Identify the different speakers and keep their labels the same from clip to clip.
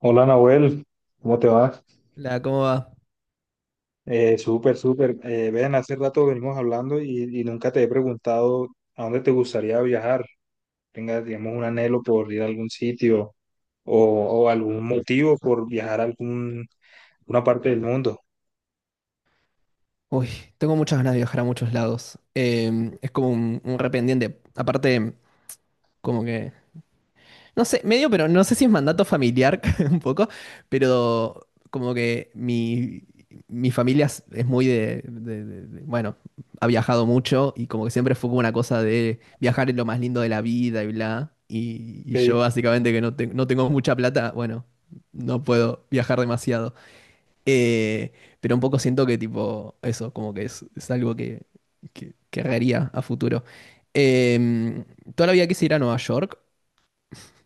Speaker 1: Hola Nahuel, ¿cómo te va?
Speaker 2: La, ¿cómo va?
Speaker 1: Súper, súper. Ven, hace rato venimos hablando y nunca te he preguntado a dónde te gustaría viajar. Tengas, digamos, un anhelo por ir a algún sitio o, o algún motivo por viajar a algún, una parte del mundo.
Speaker 2: Uy, tengo muchas ganas de viajar a muchos lados. Es como un rependiente. Aparte, como que, no sé, medio, pero no sé si es mandato familiar un poco, pero como que mi familia es muy de, bueno, ha viajado mucho y como que siempre fue como una cosa de viajar es lo más lindo de la vida y bla. Y yo
Speaker 1: Ok,
Speaker 2: básicamente que no, no tengo mucha plata, bueno, no puedo viajar demasiado. Eh, pero un poco siento que tipo eso, como que es algo que haría a futuro. Eh, Toda la vida quise ir a Nueva York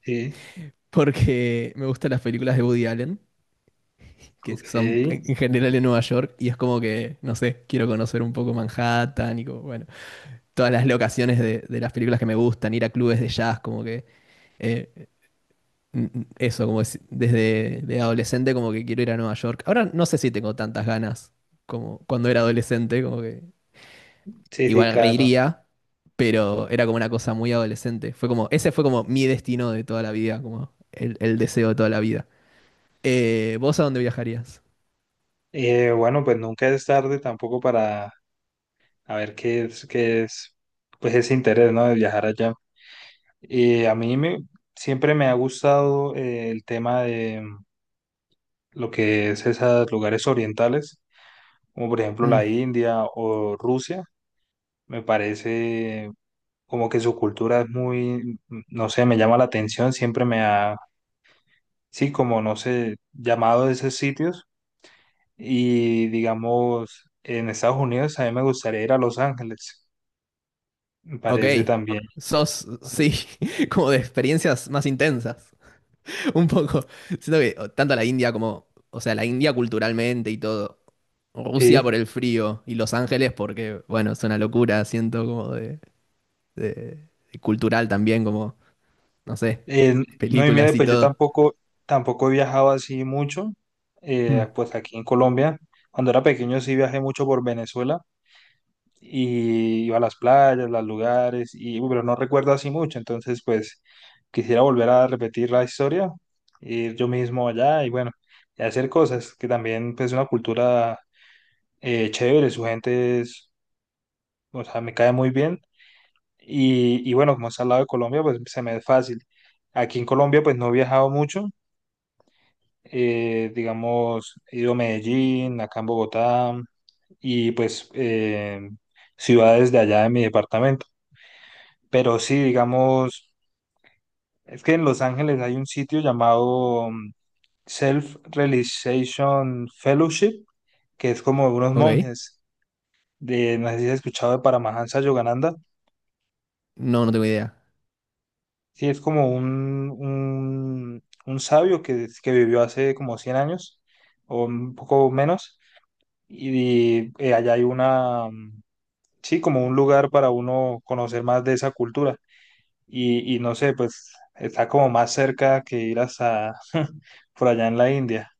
Speaker 1: sí,
Speaker 2: porque me gustan las películas de Woody Allen, que son
Speaker 1: ok.
Speaker 2: en general en Nueva York, y es como que, no sé, quiero conocer un poco Manhattan y como, bueno, todas las locaciones de las películas que me gustan, ir a clubes de jazz, como que... eh, Eso, desde de adolescente, como que quiero ir a Nueva York. Ahora no sé si tengo tantas ganas como cuando era adolescente, como que
Speaker 1: Sí, sí,
Speaker 2: igual
Speaker 1: claro.
Speaker 2: reiría, pero era como una cosa muy adolescente. Fue como, ese fue como mi destino de toda la vida, como el deseo de toda la vida. ¿Vos a dónde viajarías?
Speaker 1: Bueno, pues nunca es tarde tampoco para a ver qué es, pues ese interés, ¿no? De viajar allá. Eh, a mí me, Siempre me ha gustado el tema de lo que es esos lugares orientales, como por ejemplo la
Speaker 2: Mm,
Speaker 1: India o Rusia, me parece como que su cultura es muy, no sé, me llama la atención, siempre me ha, sí, como no sé, llamado de esos sitios y digamos, en Estados Unidos a mí me gustaría ir a Los Ángeles, me
Speaker 2: ok.
Speaker 1: parece también,
Speaker 2: Sos, sí, como de experiencias más intensas. Un poco. Siento que o, tanto la India como, o sea, la India culturalmente y todo. Rusia por
Speaker 1: sí.
Speaker 2: el frío y Los Ángeles porque, bueno, es una locura, siento como de, de cultural también, como, no sé,
Speaker 1: Eh, no, Y
Speaker 2: películas
Speaker 1: mira,
Speaker 2: y
Speaker 1: pues yo
Speaker 2: todo.
Speaker 1: tampoco he viajado así mucho,
Speaker 2: Mm,
Speaker 1: pues aquí en Colombia, cuando era pequeño sí viajé mucho por Venezuela y iba a las playas, los lugares, y, pero no recuerdo así mucho, entonces pues quisiera volver a repetir la historia, ir yo mismo allá y bueno, y hacer cosas, que también pues es una cultura chévere, su gente es, o sea, me cae muy bien, y bueno, como está al lado de Colombia, pues se me es fácil. Aquí en Colombia pues no he viajado mucho, digamos, he ido a Medellín, acá en Bogotá, y pues... ciudades de allá de mi departamento. Pero sí, digamos, es que en Los Ángeles hay un sitio llamado Self-Realization Fellowship, que es como unos
Speaker 2: ok.
Speaker 1: monjes de, no sé si has escuchado de Paramahansa Yogananda.
Speaker 2: No, no tengo idea.
Speaker 1: Sí, es como un sabio que vivió hace como 100 años o un poco menos. Y, allá hay una, sí, como un lugar para uno conocer más de esa cultura, y no sé, pues está como más cerca que ir hasta por allá en la India.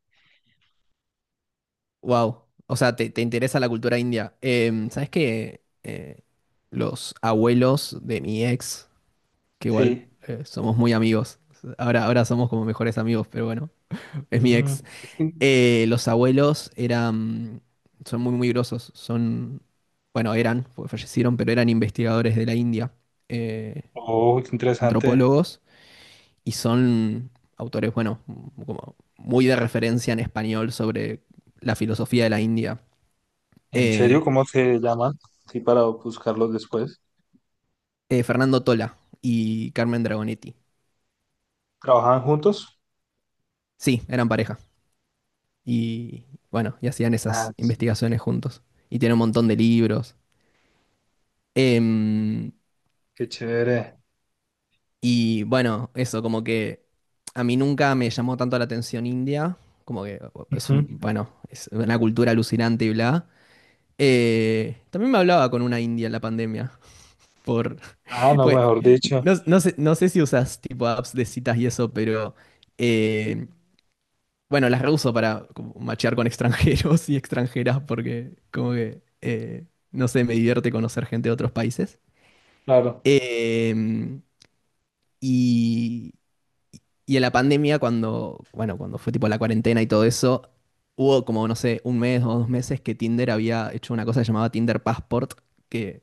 Speaker 2: Wow. O sea, te interesa la cultura india. Em, ¿sabes qué? Los abuelos de mi ex, que igual
Speaker 1: Sí.
Speaker 2: somos muy amigos. Ahora somos como mejores amigos, pero bueno, es mi
Speaker 1: Mm,
Speaker 2: ex.
Speaker 1: sí.
Speaker 2: Los abuelos eran, son muy grosos. Son, bueno, eran, porque fallecieron, pero eran investigadores de la India, eh,
Speaker 1: Oh, qué interesante.
Speaker 2: antropólogos, y son autores, bueno, como muy de referencia en español sobre la filosofía de la India.
Speaker 1: ¿En serio?
Speaker 2: eh,
Speaker 1: ¿Cómo se llaman? Sí, para buscarlos después.
Speaker 2: Fernando Tola y Carmen Dragonetti.
Speaker 1: ¿Trabajaban juntos?
Speaker 2: Sí, eran pareja. Y bueno, y hacían
Speaker 1: Ah,
Speaker 2: esas
Speaker 1: sí.
Speaker 2: investigaciones juntos. Y tiene un montón de libros. Em,
Speaker 1: Qué chévere.
Speaker 2: y bueno, eso, como que a mí nunca me llamó tanto la atención India. Como que es un,
Speaker 1: Ujú.
Speaker 2: bueno, es una cultura alucinante y bla. También me hablaba con una india en la pandemia. Por,
Speaker 1: Ah, no,
Speaker 2: pues,
Speaker 1: mejor dicho.
Speaker 2: no, no sé, no sé si usas tipo apps de citas y eso, pero eh, bueno, las reuso para como machear con extranjeros y extranjeras porque como que, no sé, me divierte conocer gente de otros países.
Speaker 1: Claro.
Speaker 2: Eh, y, y en la pandemia, cuando, bueno, cuando fue tipo la cuarentena y todo eso, hubo como, no sé, un mes o dos meses que Tinder había hecho una cosa que llamaba Tinder Passport, que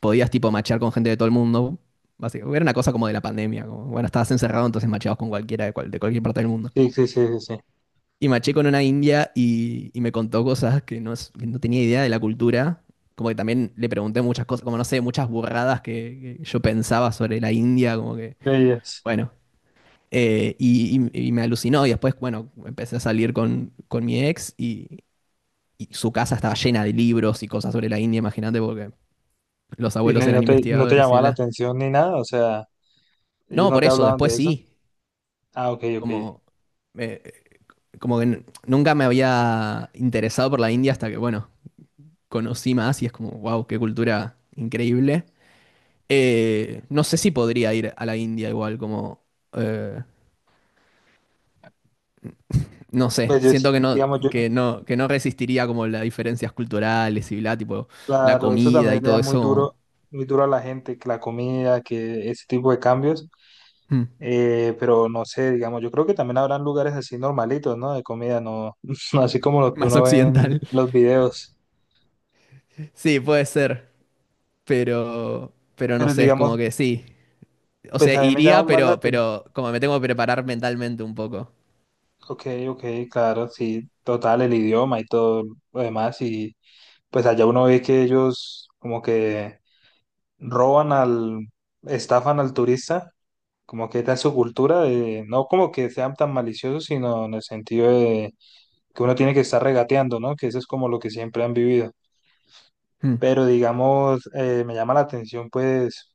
Speaker 2: podías tipo machear con gente de todo el mundo. Básicamente, era una cosa como de la pandemia, como, bueno, estabas encerrado, entonces macheabas con cualquiera de, de cualquier parte del mundo.
Speaker 1: Sí, sí, sí, sí, sí.
Speaker 2: Y maché con una india y me contó cosas que no, que no tenía idea de la cultura. Como que también le pregunté muchas cosas, como no sé, muchas burradas que yo pensaba sobre la India, como que,
Speaker 1: Ellas.
Speaker 2: bueno. Y me alucinó. Y después, bueno, empecé a salir con mi ex y su casa estaba llena de libros y cosas sobre la India, imagínate, porque los abuelos
Speaker 1: Y
Speaker 2: eran
Speaker 1: no te, no te
Speaker 2: investigadores y
Speaker 1: llamaba la
Speaker 2: bla.
Speaker 1: atención ni nada? O sea, ellos
Speaker 2: No,
Speaker 1: no
Speaker 2: por
Speaker 1: te
Speaker 2: eso,
Speaker 1: hablaban
Speaker 2: después
Speaker 1: de eso.
Speaker 2: sí.
Speaker 1: Ah, ok, ok.
Speaker 2: Como, eh, nunca me había interesado por la India hasta que, bueno, conocí más y es como, wow, qué cultura increíble. No sé si podría ir a la India igual, como, eh, no sé,
Speaker 1: Pues yo, sí-
Speaker 2: siento que no,
Speaker 1: digamos, yo,
Speaker 2: que no resistiría como las diferencias culturales y bla, tipo, la
Speaker 1: claro, eso
Speaker 2: comida
Speaker 1: también
Speaker 2: y
Speaker 1: le da
Speaker 2: todo
Speaker 1: muy
Speaker 2: eso
Speaker 1: duro, muy duro a la gente, que la comida, que ese tipo de cambios.
Speaker 2: mm,
Speaker 1: Pero no sé, digamos, yo creo que también habrán lugares así normalitos, ¿no? De comida, no, no así como los que
Speaker 2: más
Speaker 1: uno ve en
Speaker 2: occidental.
Speaker 1: los videos.
Speaker 2: Sí, puede ser, pero no
Speaker 1: Pero
Speaker 2: sé, es
Speaker 1: digamos,
Speaker 2: como que sí. O
Speaker 1: pues
Speaker 2: sea,
Speaker 1: a mí me llama
Speaker 2: iría,
Speaker 1: más la atención.
Speaker 2: pero como me tengo que preparar mentalmente un poco.
Speaker 1: Ok, ok, claro, sí, total, el idioma y todo lo demás. Y pues allá uno ve que ellos como que roban al, estafan al turista como que está en su cultura de, no como que sean tan maliciosos, sino en el sentido de que uno tiene que estar regateando, ¿no? Que eso es como lo que siempre han vivido.
Speaker 2: Mm.
Speaker 1: Pero digamos, me llama la atención pues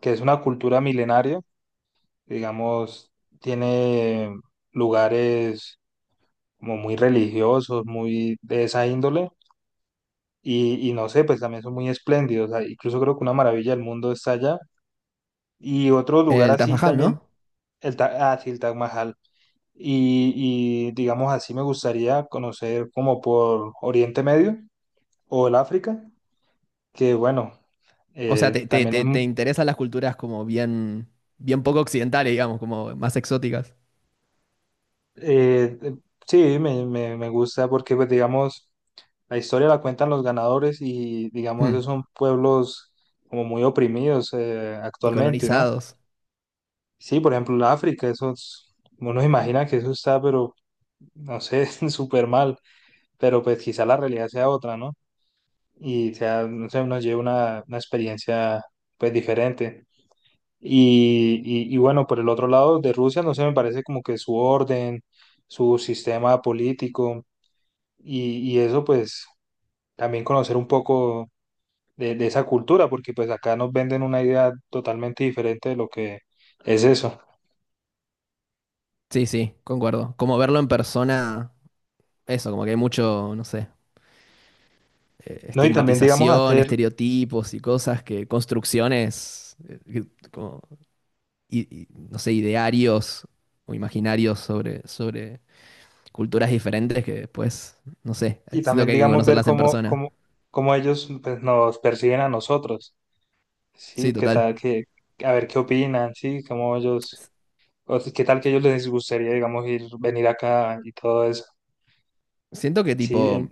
Speaker 1: que es una cultura milenaria, digamos, tiene lugares como muy religiosos, muy de esa índole, y no sé, pues también son muy espléndidos, ah, incluso creo que una maravilla del mundo está allá, y otro lugar
Speaker 2: El Taj
Speaker 1: así
Speaker 2: Mahal,
Speaker 1: también,
Speaker 2: ¿no?
Speaker 1: el, ah, sí, el Taj Mahal. Y digamos así, me gustaría conocer como por Oriente Medio o el África, que bueno,
Speaker 2: O sea, te, te,
Speaker 1: también es,
Speaker 2: te, te interesan las culturas como bien, bien poco occidentales, digamos, como más exóticas.
Speaker 1: eh, eh, sí, me gusta porque pues digamos, la historia la cuentan los ganadores y digamos,
Speaker 2: Hmm.
Speaker 1: esos son pueblos como muy oprimidos
Speaker 2: Y
Speaker 1: actualmente, ¿no?
Speaker 2: colonizados.
Speaker 1: Sí, por ejemplo, el África, esos, uno imagina que eso está, pero no sé, súper mal, pero pues quizá la realidad sea otra, ¿no? Y sea, no sé, uno lleva una experiencia pues diferente. Y bueno, por el otro lado de Rusia, no sé, me parece como que su orden, su sistema político y eso pues también conocer un poco de esa cultura, porque pues acá nos venden una idea totalmente diferente de lo que es eso.
Speaker 2: Sí, sí, concuerdo. Como verlo en persona, eso, como que hay mucho, no sé,
Speaker 1: No, y también
Speaker 2: estigmatización, estereotipos y cosas que, construcciones, como, no sé, idearios o imaginarios sobre, sobre culturas diferentes que después, no sé,
Speaker 1: y
Speaker 2: siento
Speaker 1: también
Speaker 2: que hay que
Speaker 1: digamos ver
Speaker 2: conocerlas en persona.
Speaker 1: cómo ellos pues, nos perciben a nosotros,
Speaker 2: Sí,
Speaker 1: ¿sí? ¿Qué
Speaker 2: total.
Speaker 1: tal? Qué a ver qué opinan, ¿sí? Cómo ellos o si- ¿Qué tal que a ellos les gustaría, digamos, ir, venir acá y todo eso?
Speaker 2: Siento que
Speaker 1: Sí,
Speaker 2: tipo...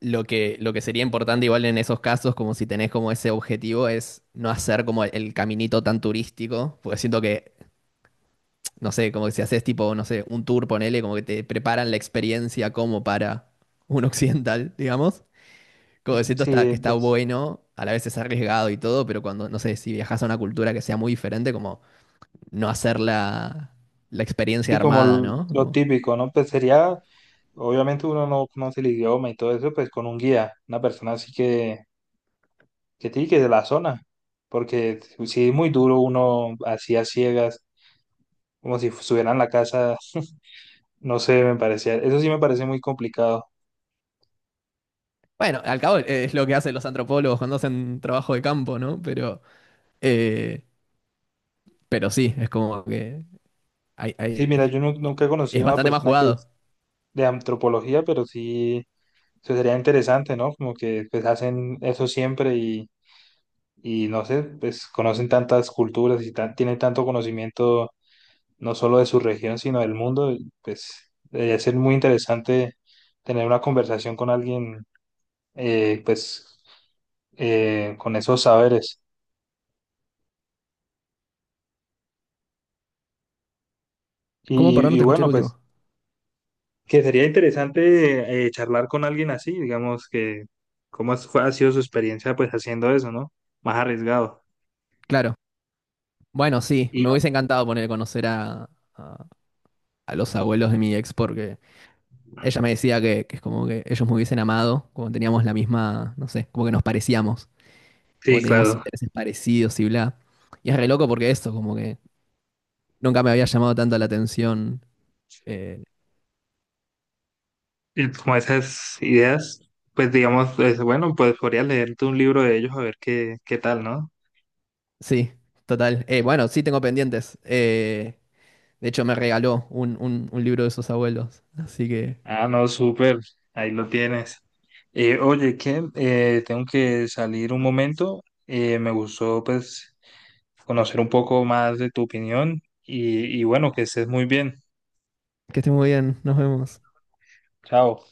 Speaker 2: Lo que sería importante igual en esos casos, como si tenés como ese objetivo, es no hacer como el, caminito tan turístico, porque siento que, no sé, como que si haces tipo, no sé, un tour, ponele, como que te preparan la experiencia como para un occidental, digamos. Como que siento está,
Speaker 1: sí,
Speaker 2: que está
Speaker 1: pues,
Speaker 2: bueno, a la vez es arriesgado y todo, pero cuando, no sé, si viajas a una cultura que sea muy diferente, como no hacer la, la experiencia
Speaker 1: sí, como
Speaker 2: armada, ¿no?
Speaker 1: lo
Speaker 2: Como
Speaker 1: típico, ¿no? Pues sería, obviamente uno no conoce el idioma y todo eso, pues con un guía, una persona así que sí, que de la zona, porque sí es muy duro uno así a ciegas, como si estuviera en la casa, no sé, me parecía, eso sí me parece muy complicado.
Speaker 2: bueno, al cabo es lo que hacen los antropólogos cuando hacen trabajo de campo, ¿no? Pero... eh, pero sí, es como que hay,
Speaker 1: Sí,
Speaker 2: hay-
Speaker 1: mira, yo nunca he
Speaker 2: es
Speaker 1: conocido a una
Speaker 2: bastante más
Speaker 1: persona que
Speaker 2: jugado.
Speaker 1: de antropología, pero sí. Eso sería interesante, ¿no? Como que pues hacen eso siempre y no sé, pues conocen tantas culturas y tienen tanto conocimiento no solo de su región, sino del mundo. Y pues debería ser muy interesante tener una conversación con alguien, pues con esos saberes.
Speaker 2: ¿Cómo,
Speaker 1: Y,
Speaker 2: perdón,
Speaker 1: y-
Speaker 2: no
Speaker 1: y
Speaker 2: te escuché el
Speaker 1: bueno, pues
Speaker 2: último?
Speaker 1: que sería interesante charlar con alguien así, digamos que ha sido su experiencia pues haciendo eso, ¿no? Más arriesgado.
Speaker 2: Claro. Bueno, sí,
Speaker 1: Y
Speaker 2: me hubiese
Speaker 1: sí.
Speaker 2: encantado poner a conocer a, a- a los abuelos de mi ex porque ella me decía que es como que ellos me hubiesen amado, como teníamos la misma, no sé, como que nos parecíamos,
Speaker 1: Sí,
Speaker 2: como teníamos
Speaker 1: claro.
Speaker 2: intereses parecidos y bla. Y es re loco porque eso, como que nunca me había llamado tanto la atención. eh,
Speaker 1: Y como esas ideas, pues digamos, es, bueno, pues podrías leerte un libro de ellos a ver qué, qué tal, ¿no?
Speaker 2: sí, total. Bueno, sí tengo pendientes. De hecho, me regaló un libro de sus abuelos. Así
Speaker 1: Ah, no, súper, ahí lo tienes. Oye, que tengo que salir un momento, me gustó pues conocer un poco más de tu opinión y bueno, que estés muy bien.
Speaker 2: que esté muy bien. Nos vemos.
Speaker 1: Chao.